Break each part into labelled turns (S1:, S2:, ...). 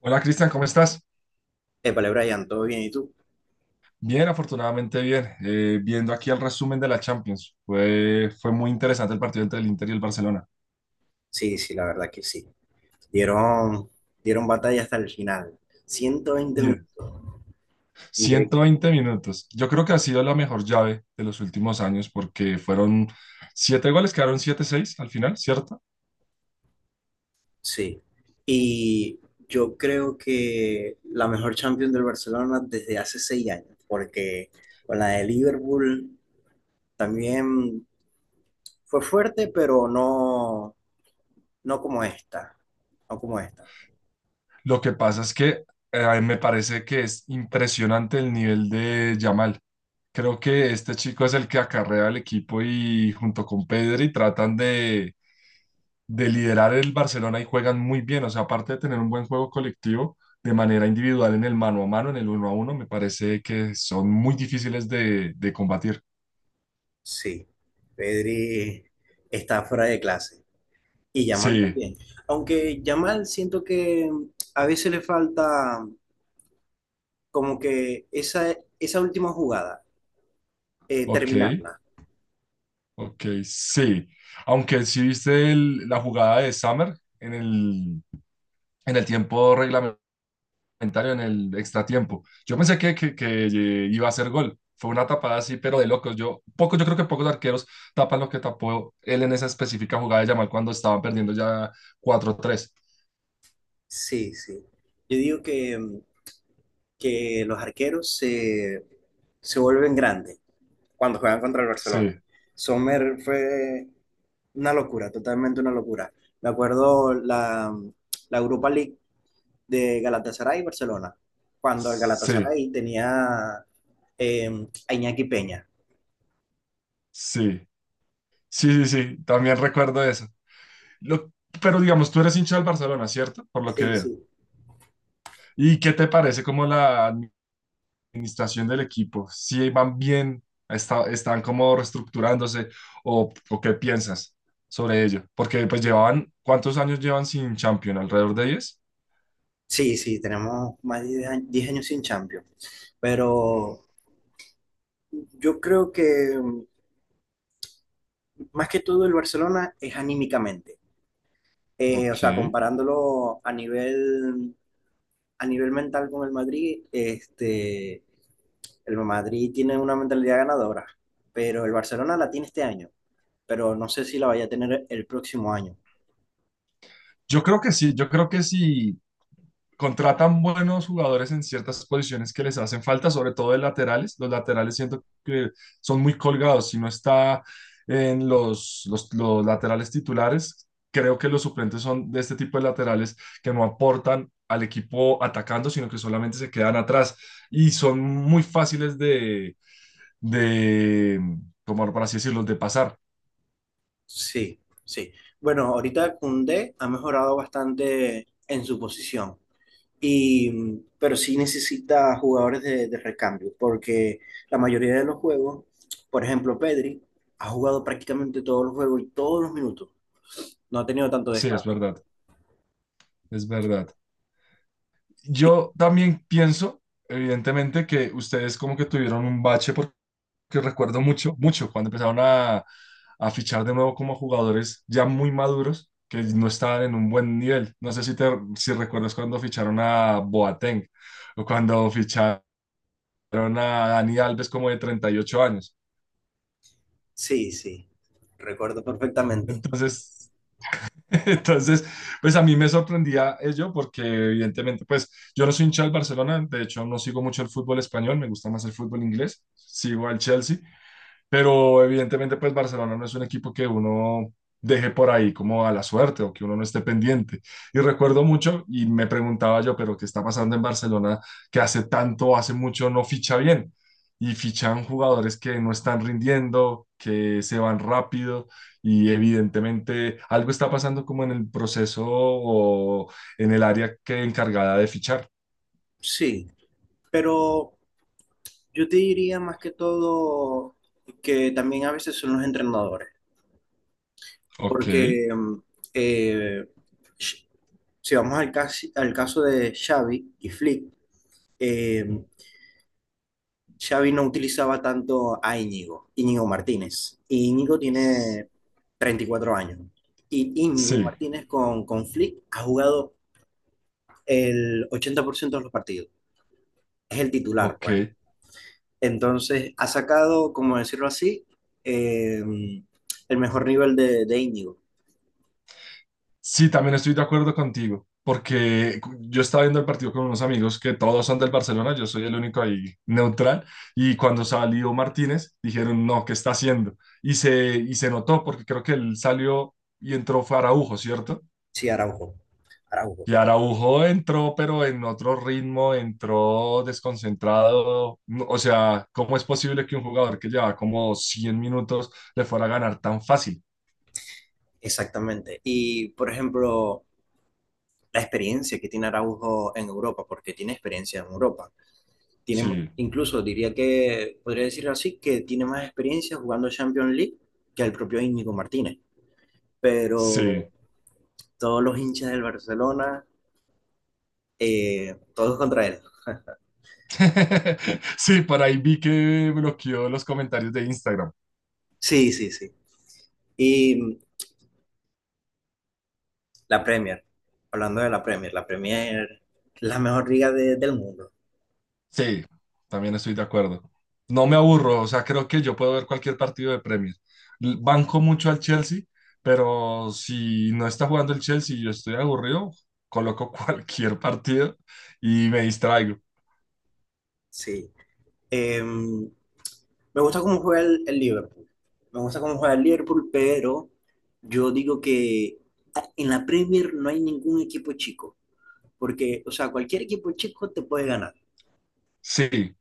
S1: Hola, Cristian, ¿cómo estás?
S2: Épale, Brian, ¿todo bien? ¿Y tú?
S1: Bien, afortunadamente bien. Viendo aquí el resumen de la Champions, fue muy interesante el partido entre el Inter y el Barcelona.
S2: Sí, sí, la verdad que sí. Dieron, Dieron batalla hasta el final. ciento veinte
S1: Diez,
S2: minutos. Increíble.
S1: ciento veinte minutos. Yo creo que ha sido la mejor llave de los últimos años porque fueron 7 goles, quedaron siete seis al final, ¿cierto?
S2: Sí. Y yo creo que la mejor Champions del Barcelona desde hace 6 años, porque con la de Liverpool también fue fuerte, pero no como esta. No como esta.
S1: Lo que pasa es que me parece que es impresionante el nivel de Yamal. Creo que este chico es el que acarrea al equipo y junto con Pedri tratan de liderar el Barcelona y juegan muy bien. O sea, aparte de tener un buen juego colectivo, de manera individual en el mano a mano, en el uno a uno, me parece que son muy difíciles de combatir.
S2: Sí. Pedri está fuera de clase. Y Yamal
S1: Sí,
S2: también. Aunque Yamal siento que a veces le falta como que esa última jugada,
S1: ok,
S2: terminarla.
S1: ok, sí. Aunque sí viste la jugada de Summer en el, en el tiempo comentario en el extratiempo. Yo pensé que iba a hacer gol. Fue una tapada así, pero de locos. Yo creo que pocos arqueros tapan lo que tapó él en esa específica jugada de Yamal cuando estaban perdiendo ya cuatro tres.
S2: Sí, sí. Yo digo que los arqueros se vuelven grandes cuando juegan contra el Barcelona.
S1: Sí,
S2: Sommer fue una locura, totalmente una locura. Me acuerdo la Europa League de Galatasaray y Barcelona, cuando el
S1: sí,
S2: Galatasaray tenía a Iñaki Peña.
S1: sí, sí, sí, sí. También recuerdo eso. Lo, pero digamos, tú eres hincha del Barcelona, ¿cierto? Por lo que
S2: Sí,
S1: veo.
S2: sí.
S1: ¿Y qué te parece como la administración del equipo? ¿Si van bien? ¿Están como reestructurándose? O qué piensas sobre ello? Porque pues llevaban, ¿cuántos años llevan sin Champion? ¿Alrededor de diez?
S2: Sí, sí, tenemos más de 10 años sin Champions. Pero yo creo que más que todo el Barcelona es anímicamente. Eh,
S1: Ok.
S2: o sea, comparándolo a a nivel mental con el Madrid, el Madrid tiene una mentalidad ganadora, pero el Barcelona la tiene este año, pero no sé si la vaya a tener el próximo año.
S1: Yo creo que sí, yo creo que sí contratan buenos jugadores en ciertas posiciones que les hacen falta, sobre todo de laterales. Los laterales siento que son muy colgados. Si no está en los laterales titulares, creo que los suplentes son de este tipo de laterales que no aportan al equipo atacando, sino que solamente se quedan atrás y son muy fáciles de como por así decirlo, de pasar.
S2: Sí, sí. Bueno, ahorita Koundé ha mejorado bastante en su posición. Y, pero sí necesita jugadores de recambio, porque la mayoría de los juegos, por ejemplo, Pedri ha jugado prácticamente todos los juegos y todos los minutos. No ha tenido tanto
S1: Sí, es
S2: descanso.
S1: verdad, es verdad.
S2: Y-
S1: Yo también pienso, evidentemente, que ustedes como que tuvieron un bache porque que recuerdo mucho, mucho, cuando empezaron a fichar de nuevo como jugadores ya muy maduros que no estaban en un buen nivel. No sé si recuerdas cuando ficharon a Boateng o cuando ficharon a Dani Alves como de 38 años.
S2: Sí, sí, recuerdo perfectamente.
S1: Entonces, entonces, pues a mí me sorprendía ello porque evidentemente, pues yo no soy hincha del Barcelona, de hecho no sigo mucho el fútbol español, me gusta más el fútbol inglés, sigo al Chelsea, pero evidentemente, pues Barcelona no es un equipo que uno deje por ahí como a la suerte o que uno no esté pendiente. Y recuerdo mucho y me preguntaba yo, pero ¿qué está pasando en Barcelona que hace tanto, hace mucho no ficha bien? Y fichan jugadores que no están rindiendo, que se van rápido y evidentemente algo está pasando como en el proceso o en el área que encargada de fichar.
S2: Sí, pero yo te diría más que todo que también a veces son los entrenadores,
S1: Ok.
S2: porque eh, sh- si vamos al caso de Xavi y Flick, eh, Xavi no utilizaba tanto a Íñigo Martínez. Y Íñigo tiene 34 años. Y Íñigo
S1: Sí,
S2: Martínez con Flick ha jugado el 80% de los partidos. Es el titular,
S1: ok.
S2: pues. Entonces, ha sacado, como decirlo así, eh, el mejor nivel de Íñigo.
S1: Sí, también estoy de acuerdo contigo, porque yo estaba viendo el partido con unos amigos que todos son del Barcelona, yo soy el único ahí neutral, y cuando salió Martínez dijeron, no, ¿qué está haciendo? Y se notó, porque creo que él salió y entró fue Araujo, ¿cierto?
S2: Sí, Araujo. Araujo,
S1: Y Araujo entró, pero en otro ritmo, entró desconcentrado. No, o sea, ¿cómo es posible que un jugador que lleva como 100 minutos le fuera a ganar tan fácil?
S2: exactamente. Y, por ejemplo, la experiencia que tiene Araujo en Europa, porque tiene experiencia en Europa. tiene,
S1: Sí,
S2: incluso diría que, podría decir así, que tiene más experiencia jugando Champions League que el propio Íñigo Martínez. Pero
S1: sí.
S2: todos los hinchas del Barcelona, todos contra él.
S1: Sí, por ahí vi que bloqueó los comentarios de Instagram.
S2: Sí, sí, sí. Y la Premier, hablando de la Premier, la Premier, la mejor liga del mundo,
S1: Sí, también estoy de acuerdo. No me aburro, o sea, creo que yo puedo ver cualquier partido de Premier. Banco mucho al Chelsea, pero si no está jugando el Chelsea y yo estoy aburrido, coloco cualquier partido y me distraigo.
S2: sí. Me gusta cómo juega el Liverpool. Me gusta cómo juega el Liverpool, pero yo digo que en la Premier no hay ningún equipo chico. Porque, o sea, cualquier equipo chico te puede ganar.
S1: Sí,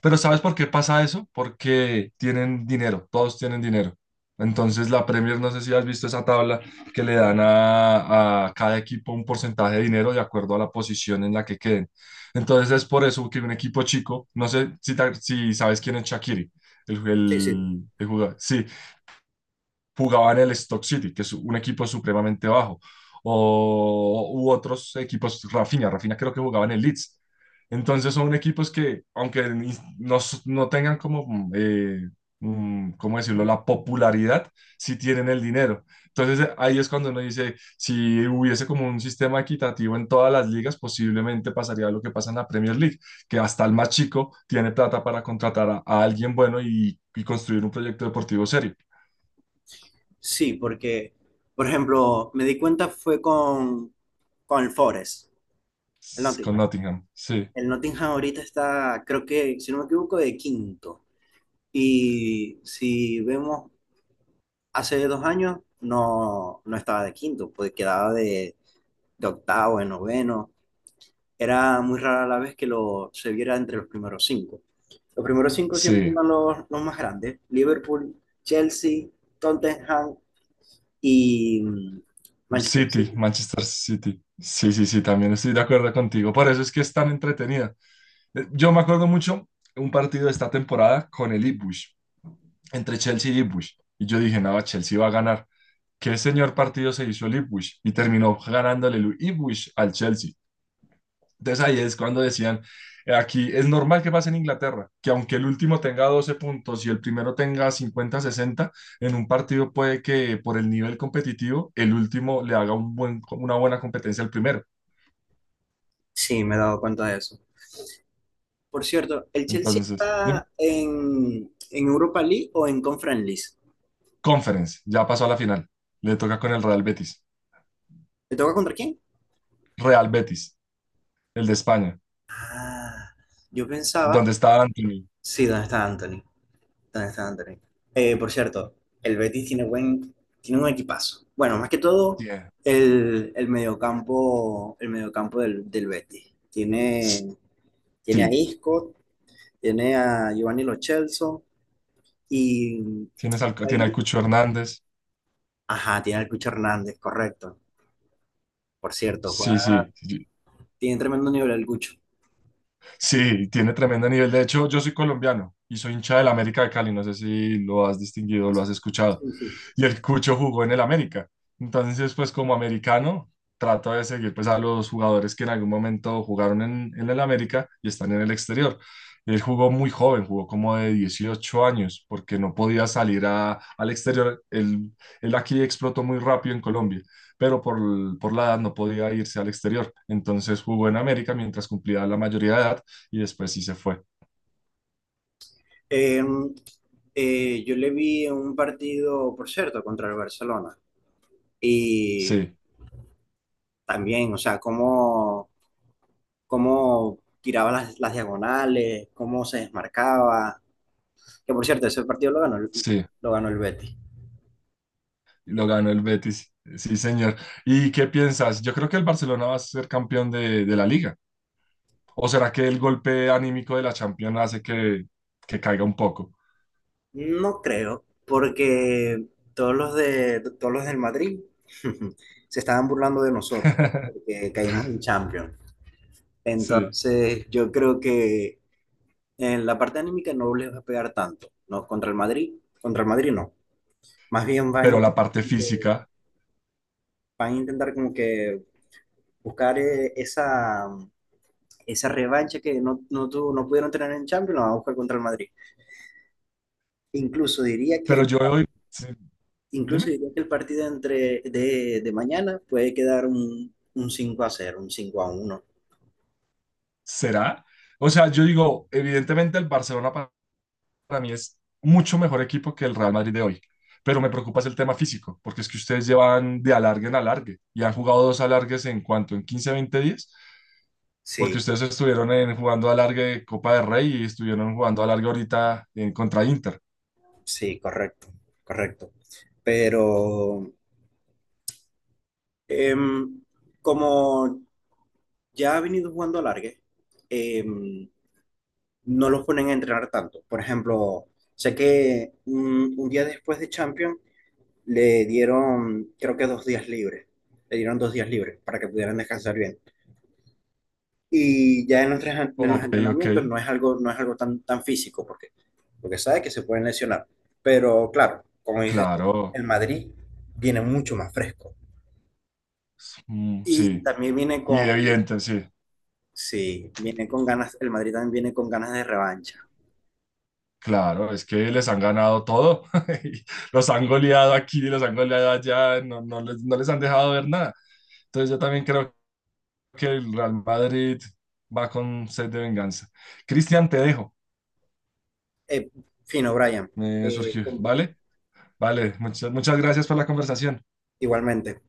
S1: pero ¿sabes por qué pasa eso? Porque tienen dinero, todos tienen dinero. Entonces la Premier, no sé si has visto esa tabla que le dan a cada equipo un porcentaje de dinero de acuerdo a la posición en la que queden. Entonces es por eso que un equipo chico, no sé si sabes quién es Shaqiri,
S2: Sí, sí.
S1: el jugador. Sí, jugaba en el Stock City, que es un equipo supremamente bajo, o u otros equipos, Rafinha, Rafinha creo que jugaba en el Leeds. Entonces son equipos que, aunque no tengan como, ¿cómo decirlo?, la popularidad, sí tienen el dinero. Entonces ahí es cuando uno dice, si hubiese como un sistema equitativo en todas las ligas, posiblemente pasaría lo que pasa en la Premier League, que hasta el más chico tiene plata para contratar a alguien bueno y construir un proyecto deportivo serio.
S2: Sí, porque, por ejemplo, me di cuenta fue con el
S1: Con
S2: Nottingham.
S1: Nottingham, sí,
S2: El Nottingham ahorita está, creo que, si no me equivoco, de quinto. Y si vemos hace 2 años, no, no estaba de quinto, pues quedaba de octavo, de noveno. Era muy rara la vez que se viera entre los primeros cinco. Los primeros cinco siempre
S1: sí.
S2: iban los más grandes. Liverpool, Chelsea, Tottenham y Manchester
S1: City,
S2: City.
S1: Manchester City. Sí, sí, sí, también estoy de acuerdo contigo. Por eso es que es tan entretenida. Yo me acuerdo mucho un partido de esta temporada con el Ipswich, entre Chelsea y Ipswich. Y yo dije, no, Chelsea va a ganar. ¿Qué señor partido se hizo el Ipswich? Y terminó ganándole el Ipswich al Chelsea. Entonces ahí es cuando decían, aquí es normal que pase en Inglaterra, que aunque el último tenga 12 puntos y el primero tenga 50 60 en un partido puede que por el nivel competitivo el último le haga una buena competencia al primero.
S2: Sí, me he dado cuenta de eso. Por cierto, ¿el Chelsea
S1: Entonces, dime.
S2: está en Europa League o en Conference League?
S1: Conference, ya pasó a la final. Le toca con el Real Betis.
S2: ¿Te toca contra quién?
S1: Real Betis, el de España,
S2: Ah, yo pensaba,
S1: donde está Anthony.
S2: sí, ¿dónde está Anthony? ¿Dónde está Anthony? Por cierto, el Betis tiene un equipazo. Bueno, más que todo,
S1: Yeah.
S2: el mediocampo del Betis. Tiene a
S1: Sí,
S2: Isco, tiene a Giovanni Lo Celso. y
S1: tiene al Cucho Hernández.
S2: Ajá, tiene al Cucho Hernández, correcto. Por cierto,
S1: Sí, sí, sí,
S2: tiene tremendo nivel el Cucho.
S1: sí, tiene tremendo nivel. De hecho, yo soy colombiano y soy hincha del América de Cali. No sé si lo has distinguido, lo has escuchado.
S2: Sí, sí.
S1: Y el Cucho jugó en el América. Entonces, pues como americano, trato de seguir pues a los jugadores que en algún momento jugaron en el América y están en el exterior. Él jugó muy joven, jugó como de 18 años, porque no podía salir al exterior. Él aquí explotó muy rápido en Colombia, pero por la edad no podía irse al exterior. Entonces jugó en América mientras cumplía la mayoría de edad y después sí se fue.
S2: Em, yo le vi un partido, por cierto, contra el Barcelona. Y
S1: Sí,
S2: también, o sea, cómo tiraba las diagonales, cómo se desmarcaba. Que por cierto, ese partido
S1: sí,
S2: lo ganó el Betis.
S1: lo ganó el Betis. Sí, señor. ¿Y qué piensas? Yo creo que el Barcelona va a ser campeón de la liga. ¿O será que el golpe anímico de la Champions hace que caiga un poco?
S2: No creo, porque todos los del Madrid se estaban burlando de nosotros, porque caímos en Champions.
S1: Sí,
S2: Entonces, yo creo que en la parte anímica no les va a pegar tanto, ¿no? Contra el Madrid no. Más bien
S1: pero la parte física.
S2: van a intentar como que buscar esa revancha que no pudieron tener en Champions, la van a buscar contra el Madrid. Incluso diría
S1: Pero
S2: que,
S1: yo hoy, sí,
S2: incluso
S1: dime,
S2: diría que el partido entre, de mañana puede quedar un 5-0 un 5-1.
S1: ¿será? O sea, yo digo, evidentemente el Barcelona para mí es mucho mejor equipo que el Real Madrid de hoy. Pero me preocupa es el tema físico, porque es que ustedes llevan de alargue en alargue y han jugado dos alargues en cuanto en 15, 20 días, porque
S2: Sí,
S1: ustedes estuvieron en, jugando alargue de Copa del Rey y estuvieron jugando alargue ahorita en contra Inter.
S2: sí, correcto, correcto. Pero em, como ya ha venido jugando alargue, eh, no los ponen a entrenar tanto. Por ejemplo, sé que un día después de Champions le dieron, creo que 2 días libres. Le dieron 2 días libres para que pudieran descansar bien. Y ya en en los
S1: Ok, ok,
S2: entrenamientos no es algo tan físico, porque sabe que se pueden lesionar. Pero claro, como dices, tú,
S1: claro,
S2: el Madrid viene mucho más fresco.
S1: mm,
S2: Y
S1: sí,
S2: también viene
S1: y evidente, sí,
S2: sí, viene con ganas, el Madrid también viene con ganas de revancha.
S1: claro, es que les han ganado todo, y los han goleado aquí, los han goleado allá, no, no les, no les han dejado ver nada. Entonces yo también creo que el Real Madrid va con sed de venganza. Cristian, te dejo.
S2: Eh, fino, Brian.
S1: Me
S2: Eh,
S1: surgió,
S2: com-
S1: ¿vale? Vale, muchas, muchas gracias por la conversación.
S2: igualmente.